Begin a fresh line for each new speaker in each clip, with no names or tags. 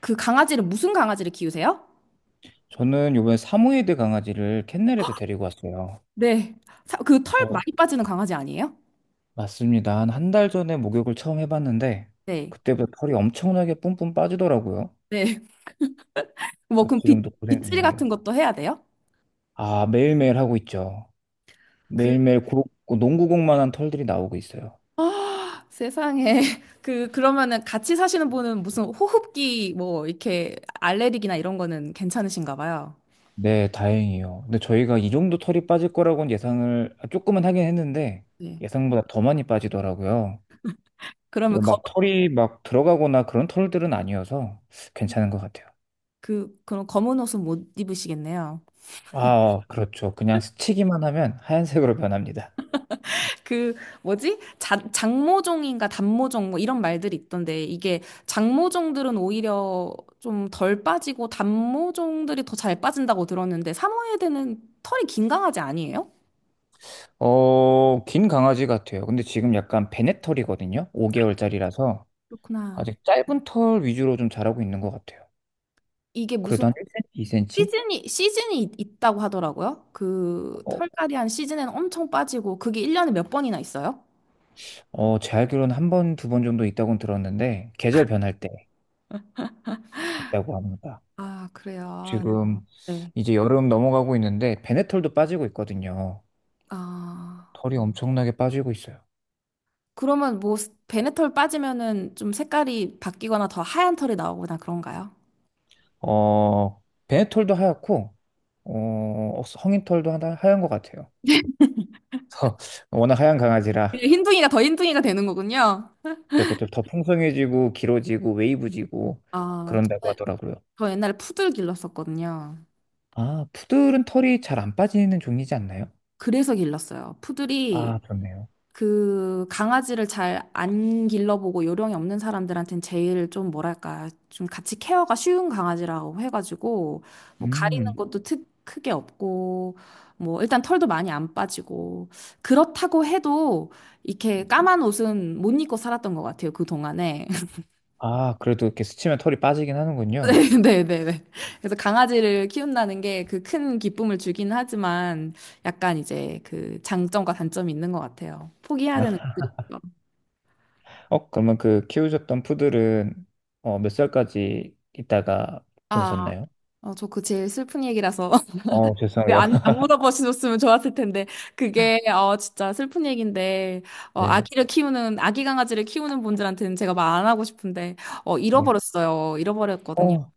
그 강아지를 무슨 강아지를 키우세요?
저는 요번에 사모예드 강아지를 캔넬에서 데리고 왔어요.
네. 그 털
그래서
많이 빠지는 강아지 아니에요?
맞습니다. 한 한 달 전에 목욕을 처음 해봤는데
네.
그때부터 털이 엄청나게 뿜뿜 빠지더라고요.
네. 뭐 그럼
지금도 고생
빗질
중이에요.
같은 것도 해야 돼요?
아, 매일매일 하고 있죠.
그
매일매일 고, 농구공만한 털들이 나오고 있어요.
세상에 그러면은 같이 사시는 분은 무슨 호흡기 뭐 이렇게 알레르기나 이런 거는 괜찮으신가 봐요.
네, 다행이요. 근데 저희가 이 정도 털이 빠질 거라고는 예상을 아, 조금은 하긴 했는데
네.
예상보다 더 많이 빠지더라고요.
그러면
네,
검,
막 털이 막 들어가거나 그런 털들은 아니어서 괜찮은 것 같아요.
그 그런 검은 옷은 못 입으시겠네요.
아, 그렇죠. 그냥 스치기만 하면 하얀색으로 변합니다.
그 뭐지? 장모종인가 단모종 뭐 이런 말들이 있던데 이게 장모종들은 오히려 좀 덜 빠지고 단모종들이 더 잘 빠진다고 들었는데 사모예드는 털이 긴 강아지 아니에요?
긴 강아지 같아요. 근데 지금 약간 베네털이거든요. 5개월짜리라서
그렇구나.
아직 짧은 털 위주로 좀 자라고 있는 것 같아요.
이게 무슨
그래도 한 1cm, 2cm?
시즌이 있다고 하더라고요. 그
어,
털갈이한 시즌에는 엄청 빠지고 그게 1년에 몇 번이나 있어요?
제 알기로는 한 번, 두 번 정도 있다고 들었는데 계절 변할 때 있다고 합니다.
아, 그래요. 아,
지금
네.
이제 여름 넘어가고 있는데 베네털도 빠지고 있거든요.
아.
털이 엄청나게 빠지고 있어요.
그러면 뭐 베네털 빠지면은 좀 색깔이 바뀌거나 더 하얀 털이 나오거나 그런가요?
어, 베네털도 하얗고 성인털도 하나 하얀 것 같아요. 어, 워낙 하얀 강아지라
흰둥이가 더 흰둥이가 되는 거군요.
그좀 더 풍성해지고 길어지고 웨이브지고
아,
그런다고 하더라고요.
저 옛날에 푸들 길렀었거든요.
아, 푸들은 털이 잘 안 빠지는 종이지 않나요?
그래서 길렀어요. 푸들이
아, 그렇네요.
그 강아지를 잘 안 길러보고 요령이 없는 사람들한텐 제일 좀 뭐랄까 좀 같이 케어가 쉬운 강아지라고 해가지고 뭐 가리는
음.
것도 크게 없고 뭐 일단 털도 많이 안 빠지고 그렇다고 해도 이렇게 까만 옷은 못 입고 살았던 것 같아요. 그 동안에.
아, 그래도 이렇게 스치면 털이 빠지긴 하는군요.
네, 네, 네. 그래서 강아지를 키운다는 게 그 큰 기쁨을 주긴 하지만 약간 이제 그 장점과 단점이 있는 것 같아요. 포기해야 되는 거.
그러면 그 키우셨던 푸들은 몇 살까지 있다가
아,
보내셨나요?
어, 저그 제일 슬픈 얘기라서 그
죄송해요.
안 물어보셨으면 좋았을 텐데 그게 진짜 슬픈 얘기인데
네,
아기를 키우는 아기 강아지를 키우는 분들한테는 제가 말 안 하고 싶은데
네.
잃어버렸어요. 잃어버렸거든요.
어,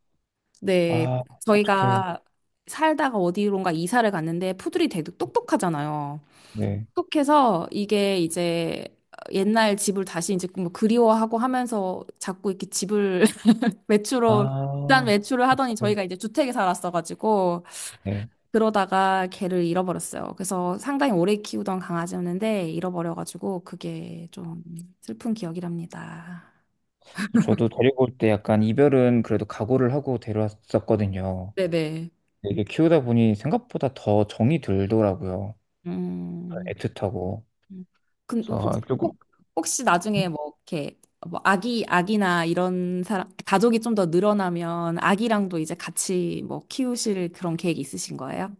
네,
아, 어떡해.
저희가 살다가 어디론가 이사를 갔는데 푸들이 되게 똑똑하잖아요.
네.
똑똑해서 이게 이제 옛날 집을 다시 이제 뭐 그리워하고 하면서 자꾸 이렇게 집을 외출을 일단
아,
외출을 하더니 저희가 이제 주택에 살았어가지고
네.
그러다가 걔를 잃어버렸어요. 그래서 상당히 오래 키우던 강아지였는데 잃어버려가지고 그게 좀 슬픈 기억이랍니다.
저도 데리고 올 때 약간 이별은 그래도 각오를 하고 데려왔었거든요.
네네.
이게 키우다 보니 생각보다 더 정이 들더라고요.
음.
애틋하고.
음. 근데 혹시,
그래서
혹-
조금.
혹시 나중에
음?
뭐 이렇게 뭐 아기나 이런 사람 가족이 좀 더 늘어나면 아기랑도 이제 같이 뭐 키우실 그런 계획 있으신 거예요?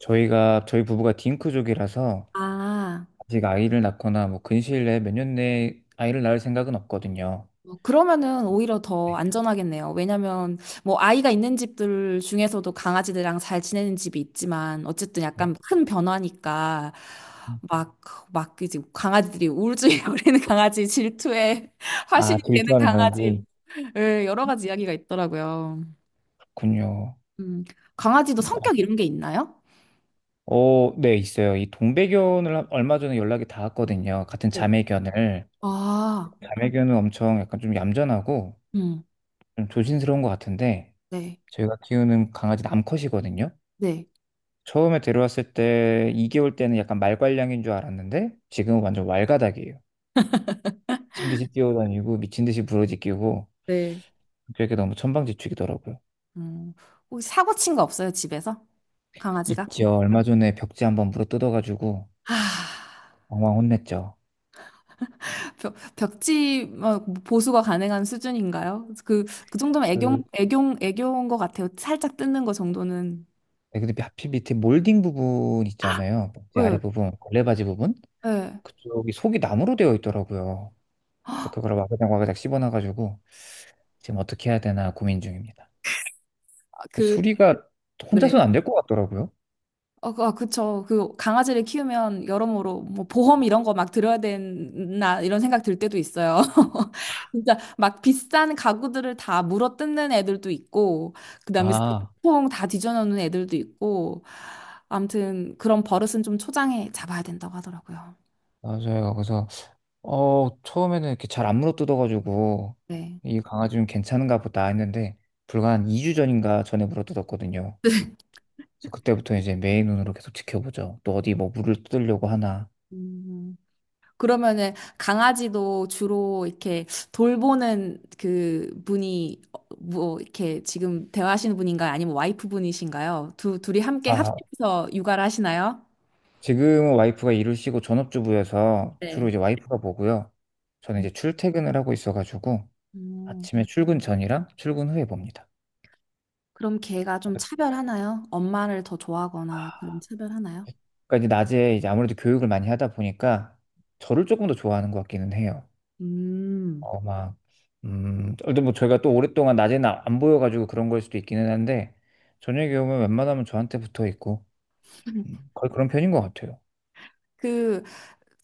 저희 부부가 딩크족이라서
아,
아직 아이를 낳거나 뭐 근시일 내에 몇 년 내에 아이를 낳을 생각은 없거든요.
어, 그러면은 오히려 더
네.
안전하겠네요. 왜냐면 뭐 아이가 있는 집들 중에서도 강아지들이랑 잘 지내는 집이 있지만 어쨌든 약간
네.
큰 변화니까
음.
막, 막 이제 강아지들이 울증에 걸리는 강아지, 질투에
아,
화신이 되는
질투하는
강아지,
건지.
예, 여러 가지 이야기가 있더라고요.
군요.
음, 강아지도 성격 이런 게 있나요?
네, 있어요. 이 동배견을 얼마 전에 연락이 닿았거든요. 같은
네.
자매견을.
아,
자매견은 엄청 약간 좀 얌전하고
음,
좀 조심스러운 것 같은데
네,
저희가 키우는 강아지 남컷이거든요.
네,
처음에 데려왔을 때 2개월 때는 약간 말괄량인 줄 알았는데 지금은 완전 왈가닥이에요. 미친 듯이 뛰어다니고 미친 듯이 부러지끼고
네.
그게 너무 천방지축이더라고요.
음, 혹시 사고 친 거 없어요, 집에서? 강아지가?
있죠. 얼마 전에 벽지 한번 물어 뜯어가지고
아.
엉망 혼냈죠.
벽지 어, 보수가 가능한 수준인가요? 그 정도면 애교,
그
애교, 애교인 것 같아요. 살짝 뜯는 거 정도는.
네, 근데 하필 밑에 몰딩 부분 있잖아요. 벽지 아래
예,
부분, 걸레바지 부분
예.
그쪽이 속이 나무로 되어 있더라고요. 그래서 그걸 와그작 와그작 씹어놔가지고 지금 어떻게 해야 되나 고민 중입니다.
아, 그,
수리가
네.
혼자서는 안 될 것 같더라고요.
어, 아, 그쵸. 그 강아지를 키우면 여러모로 뭐 보험 이런 거 막 들어야 되나 이런 생각 들 때도 있어요. 진짜 막 비싼 가구들을 다 물어 뜯는 애들도 있고, 그다음에
아,
쓰레기통 다 뒤져놓는 애들도 있고, 아무튼 그런 버릇은 좀 초장에 잡아야 된다고 하더라고요.
맞아요. 그래서 처음에는 이렇게 잘 안 물어뜯어가지고
네.
이 강아지 좀 괜찮은가 보다 했는데 불과 한 2주 전인가 전에 물어뜯었거든요. 그래서 그때부터 이제 매의 눈으로 계속 지켜보죠. 또 어디 뭐 물을 뜯으려고 하나.
음. 그러면은 강아지도 주로 이렇게 돌보는 그 분이 어, 뭐 이렇게 지금 대화하시는 분인가요? 아니면 와이프 분이신가요? 두 둘이 함께
아,
합심해서 육아를 하시나요?
지금은 와이프가 일을 쉬고 전업주부여서 주로
네.
이제 와이프가 보고요. 저는
음.
이제 출퇴근을 하고 있어가지고
음.
아침에 출근 전이랑 출근 후에 봅니다.
그럼 걔가 좀 차별하나요? 엄마를 더 좋아하거나 그런 차별하나요?
그러니까 이제 낮에 이제 아무래도 교육을 많이 하다 보니까 저를 조금 더 좋아하는 것 같기는 해요.
음.
어, 막, 근데 뭐 저희가 또 오랫동안 낮에는 안 보여가지고 그런 걸 수도 있기는 한데 저녁에 오면 웬만하면 저한테 붙어 있고 거의 그런 편인 것 같아요.
그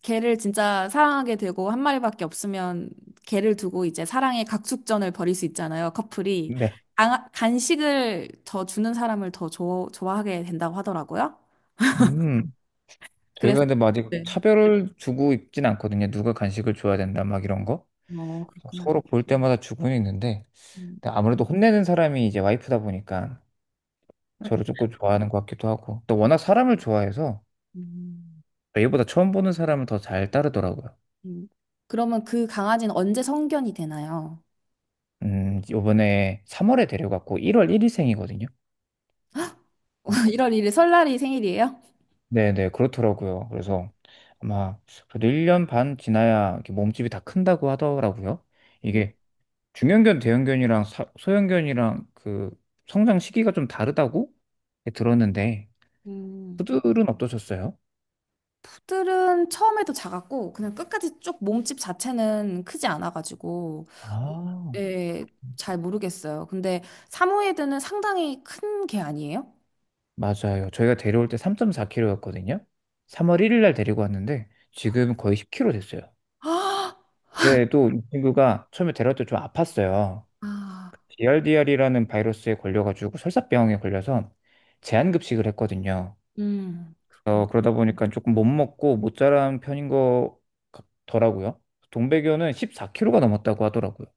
개를 진짜 사랑하게 되고 한 마리밖에 없으면 개를 두고 이제 사랑의 각축전을 벌일 수 있잖아요, 커플이.
네.
아, 간식을 더 주는 사람을 더 좋아하게 된다고 하더라고요.
음, 저희가
그래서
근데 뭐 아직
네.
차별을 주고 있진 않거든요. 누가 간식을 줘야 된다 막 이런 거.
어, 그렇구나.
서로 볼 때마다 주고는 있는데
음,
근데 아무래도 혼내는 사람이 이제 와이프다 보니까 저를 조금 좋아하는 것 같기도 하고 또 워낙 사람을 좋아해서
음,
얘보다 처음 보는 사람은 더 잘 따르더라고요.
음. 그러면 그 강아지는 언제 성견이 되나요?
요번에 3월에 데려갔고 1월 1일생이거든요.
1월 1일 설날이 생일이에요?
네네, 그렇더라고요. 그래서 아마 그래도 1년 반 지나야 이렇게 몸집이 다 큰다고 하더라고요.
음.
이게 중형견, 대형견이랑 소형견이랑 그 성장 시기가 좀 다르다고 들었는데,
음.
푸들은 어떠셨어요?
들은 처음에도 작았고 그냥 끝까지 쭉 몸집 자체는 크지 않아가지고
아,
예, 잘 모르겠어요. 근데 사모예드는 상당히 큰 개 아니에요?
맞아요. 저희가 데려올 때 3.4kg였거든요. 3월 1일 날 데리고 왔는데, 지금 거의 10kg 됐어요.
아,
근데 또 이 친구가 처음에 데려올 때 좀 아팠어요.
아,
DRDR이라는 바이러스에 걸려가지고 설사병에 걸려서 제한급식을 했거든요.
그렇군요.
그러다 보니까 조금 못 먹고 못 자란 편인 것 같더라고요. 동배교는 14kg가 넘었다고 하더라고요.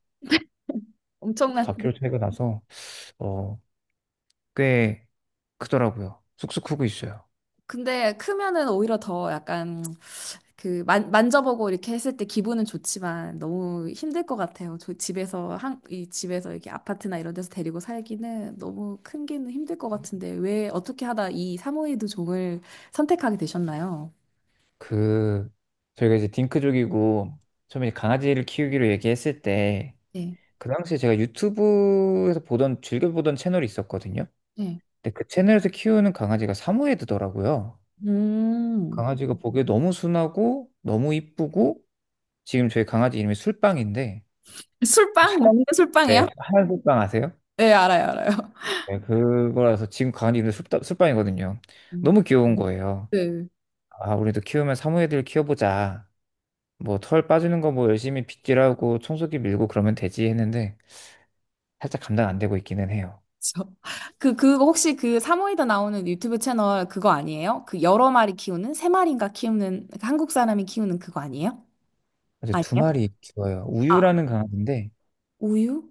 엄청난데.
4kg 차이가 나서 어, 꽤 크더라고요. 쑥쑥 크고 있어요.
근데 크면은 오히려 더 약간 그 만져보고 이렇게 했을 때 기분은 좋지만 너무 힘들 것 같아요. 저 집에서 이 집에서 이렇게 아파트나 이런 데서 데리고 살기는 너무 큰 게 힘들 것 같은데 왜 어떻게 하다 이 사모예드 종을 선택하게 되셨나요?
그 저희가 이제 딩크족이고 처음에 강아지를 키우기로 얘기했을 때
네.
그 당시에 제가 유튜브에서 보던 즐겨 보던 채널이 있었거든요.
네.
근데 그 채널에서 키우는 강아지가 사모예드더라고요.
음.
강아지가 보기에 너무 순하고 너무 이쁘고 지금 저희 강아지 이름이 술빵인데
술빵? 먹는
네,
술빵이요?
하얀 술빵 아세요?
네, 알아요, 알아요.
네, 그거라서 지금 강아지 이름이 술, 술빵이거든요.
음.
너무 귀여운 거예요.
네.
아, 우리도 키우면 사모예드를 키워보자. 뭐 털 빠지는 거 뭐 열심히 빗질하고 청소기 밀고 그러면 되지 했는데 살짝 감당 안 되고 있기는 해요.
그쵸. 그거 혹시 그 사모예드 나오는 유튜브 채널 그거 아니에요? 그 여러 마리 키우는, 세 마리인가 키우는, 한국 사람이 키우는 그거 아니에요?
그래서 두
아니에요?
마리 키워요. 우유라는 강아지인데
우유?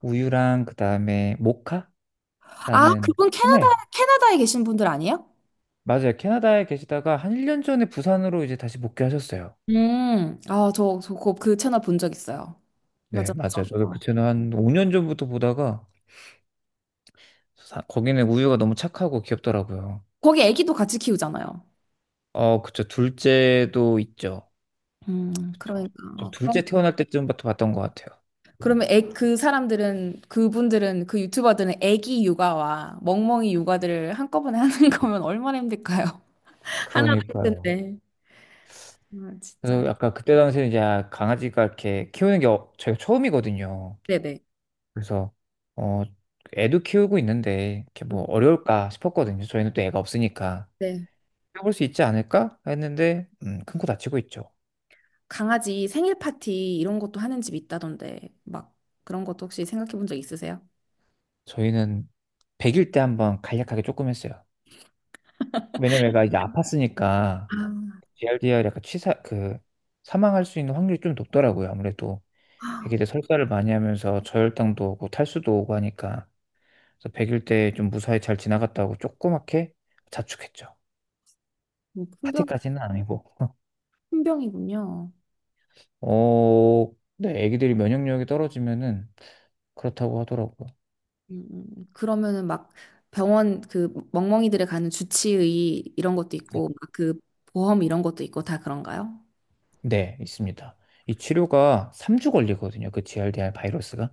우유랑 그다음에 모카라는
아, 그분
소매
캐나다에 계신 분들 아니에요?
맞아요. 캐나다에 계시다가 한 1년 전에 부산으로 이제 다시 복귀하셨어요.
아, 그 채널 본 적 있어요. 맞아,
네, 맞아요.
맞아.
저도 그
어.
채널 한 5년 전부터 보다가 거기는 우유가 너무 착하고 귀엽더라고요.
거기 애기도 같이 키우잖아요.
그쵸. 둘째도 있죠. 그쵸.
그러니까.
저
아,
둘째 태어날 때쯤부터 봤던 것 같아요.
그러면 그 유튜버들은 애기 육아와 멍멍이 육아들을 한꺼번에 하는 거면 얼마나 힘들까요? 하나도
그러니까요.
힘든데. 아, 진짜.
그래서 약간 그때 당시에 이제 아, 강아지가 이렇게 키우는 게 저희가 처음이거든요.
네네.
그래서 어, 애도 키우고 있는데 이렇게
음,
뭐 어려울까 싶었거든요. 저희는 또 애가 없으니까.
네.
해볼 수 있지 않을까 했는데 큰 코 다치고 있죠.
강아지 생일 파티 이런 것도 하는 집 있다던데, 막 그런 것도 혹시 생각해 본 적 있으세요?
저희는 100일 때 한번 간략하게 조금 했어요. 왜냐면 얘가 이제 아팠으니까 g r d r 약간 치사 사망할 수 있는 확률이 좀 높더라고요. 아무래도
아,
애기들 설사를 많이 하면서 저혈당도 오고 탈수도 오고 하니까 그래서 100일 때 좀 무사히 잘 지나갔다고 조그맣게 자축했죠.
음, 큰 병,
파티까지는 아니고.
큰 병이군요.
네, 애기들이 면역력이 떨어지면은 그렇다고 하더라고요.
그러면은 막 병원 그 멍멍이들에 가는 주치의 이런 것도
네,
있고 막그 보험 이런 것도 있고 다 그런가요?
네, 있습니다. 이 치료가 3주 걸리거든요. 그 g r d r 바이러스가.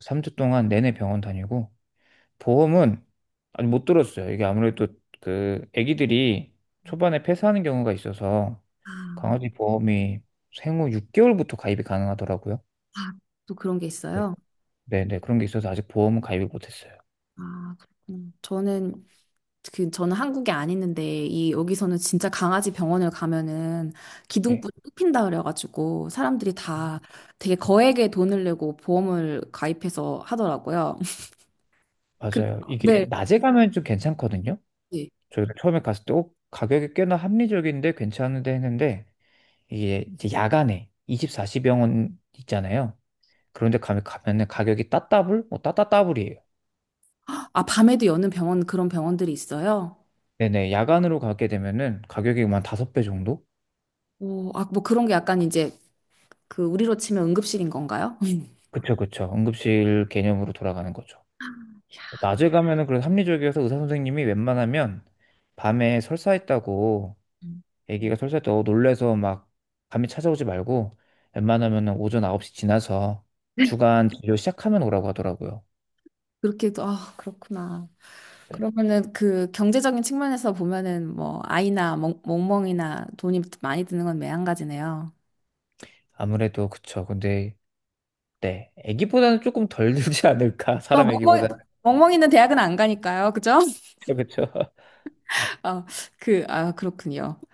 3주 동안 내내 병원 다니고 보험은 아니 못 들었어요. 이게 아무래도 그 아기들이 초반에 폐사하는 경우가 있어서
아,
강아지 보험이 생후 6개월부터 가입이 가능하더라고요.
아, 또 그런 게
네.
있어요?
네네 그런 게 있어서 아직 보험은 가입을 못했어요.
아, 그렇구나. 저는 한국에 안 있는데 이 여기서는 진짜 강아지 병원을 가면은
네
기둥뿌리 뽑힌다 그래가지고 사람들이 다 되게 거액의 돈을 내고 보험을 가입해서 하더라고요. 그-
맞아요. 이게
네.
낮에 가면 좀 괜찮거든요. 저희가 처음에 갔을 때 가격이 꽤나 합리적인데 괜찮은데 했는데 이게 이제 야간에 24시 병원 있잖아요. 그런데 가면은 가격이 따따블? 뭐 따따따블이에요.
아, 밤에도 여는 병원, 그런 병원들이 있어요?
네네. 야간으로 가게 되면은 가격이 한 5배 정도?
오, 아, 뭐 그런 게 약간 이제 그 우리로 치면 응급실인 건가요?
그쵸, 그쵸. 응급실 개념으로 돌아가는 거죠. 낮에 가면은 그래도 합리적이어서 의사 선생님이 웬만하면 밤에 설사했다고, 아기가 설사했다고 놀래서 막 감이 찾아오지 말고 웬만하면은 오전 9시 지나서 주간 진료 시작하면 오라고 하더라고요.
그렇게도, 아, 그렇구나. 그러면은 그 경제적인 측면에서 보면은 뭐 아이나 멍멍이나 돈이 많이 드는 건 매한가지네요.
아무래도 그쵸. 근데. 네. 아기보다는 조금 덜 들지 않을까?
어,
사람 아기보다는.
멍멍이는 대학은 안 가니까요. 그죠?
그쵸, 그쵸.
어, 아, 그렇군요.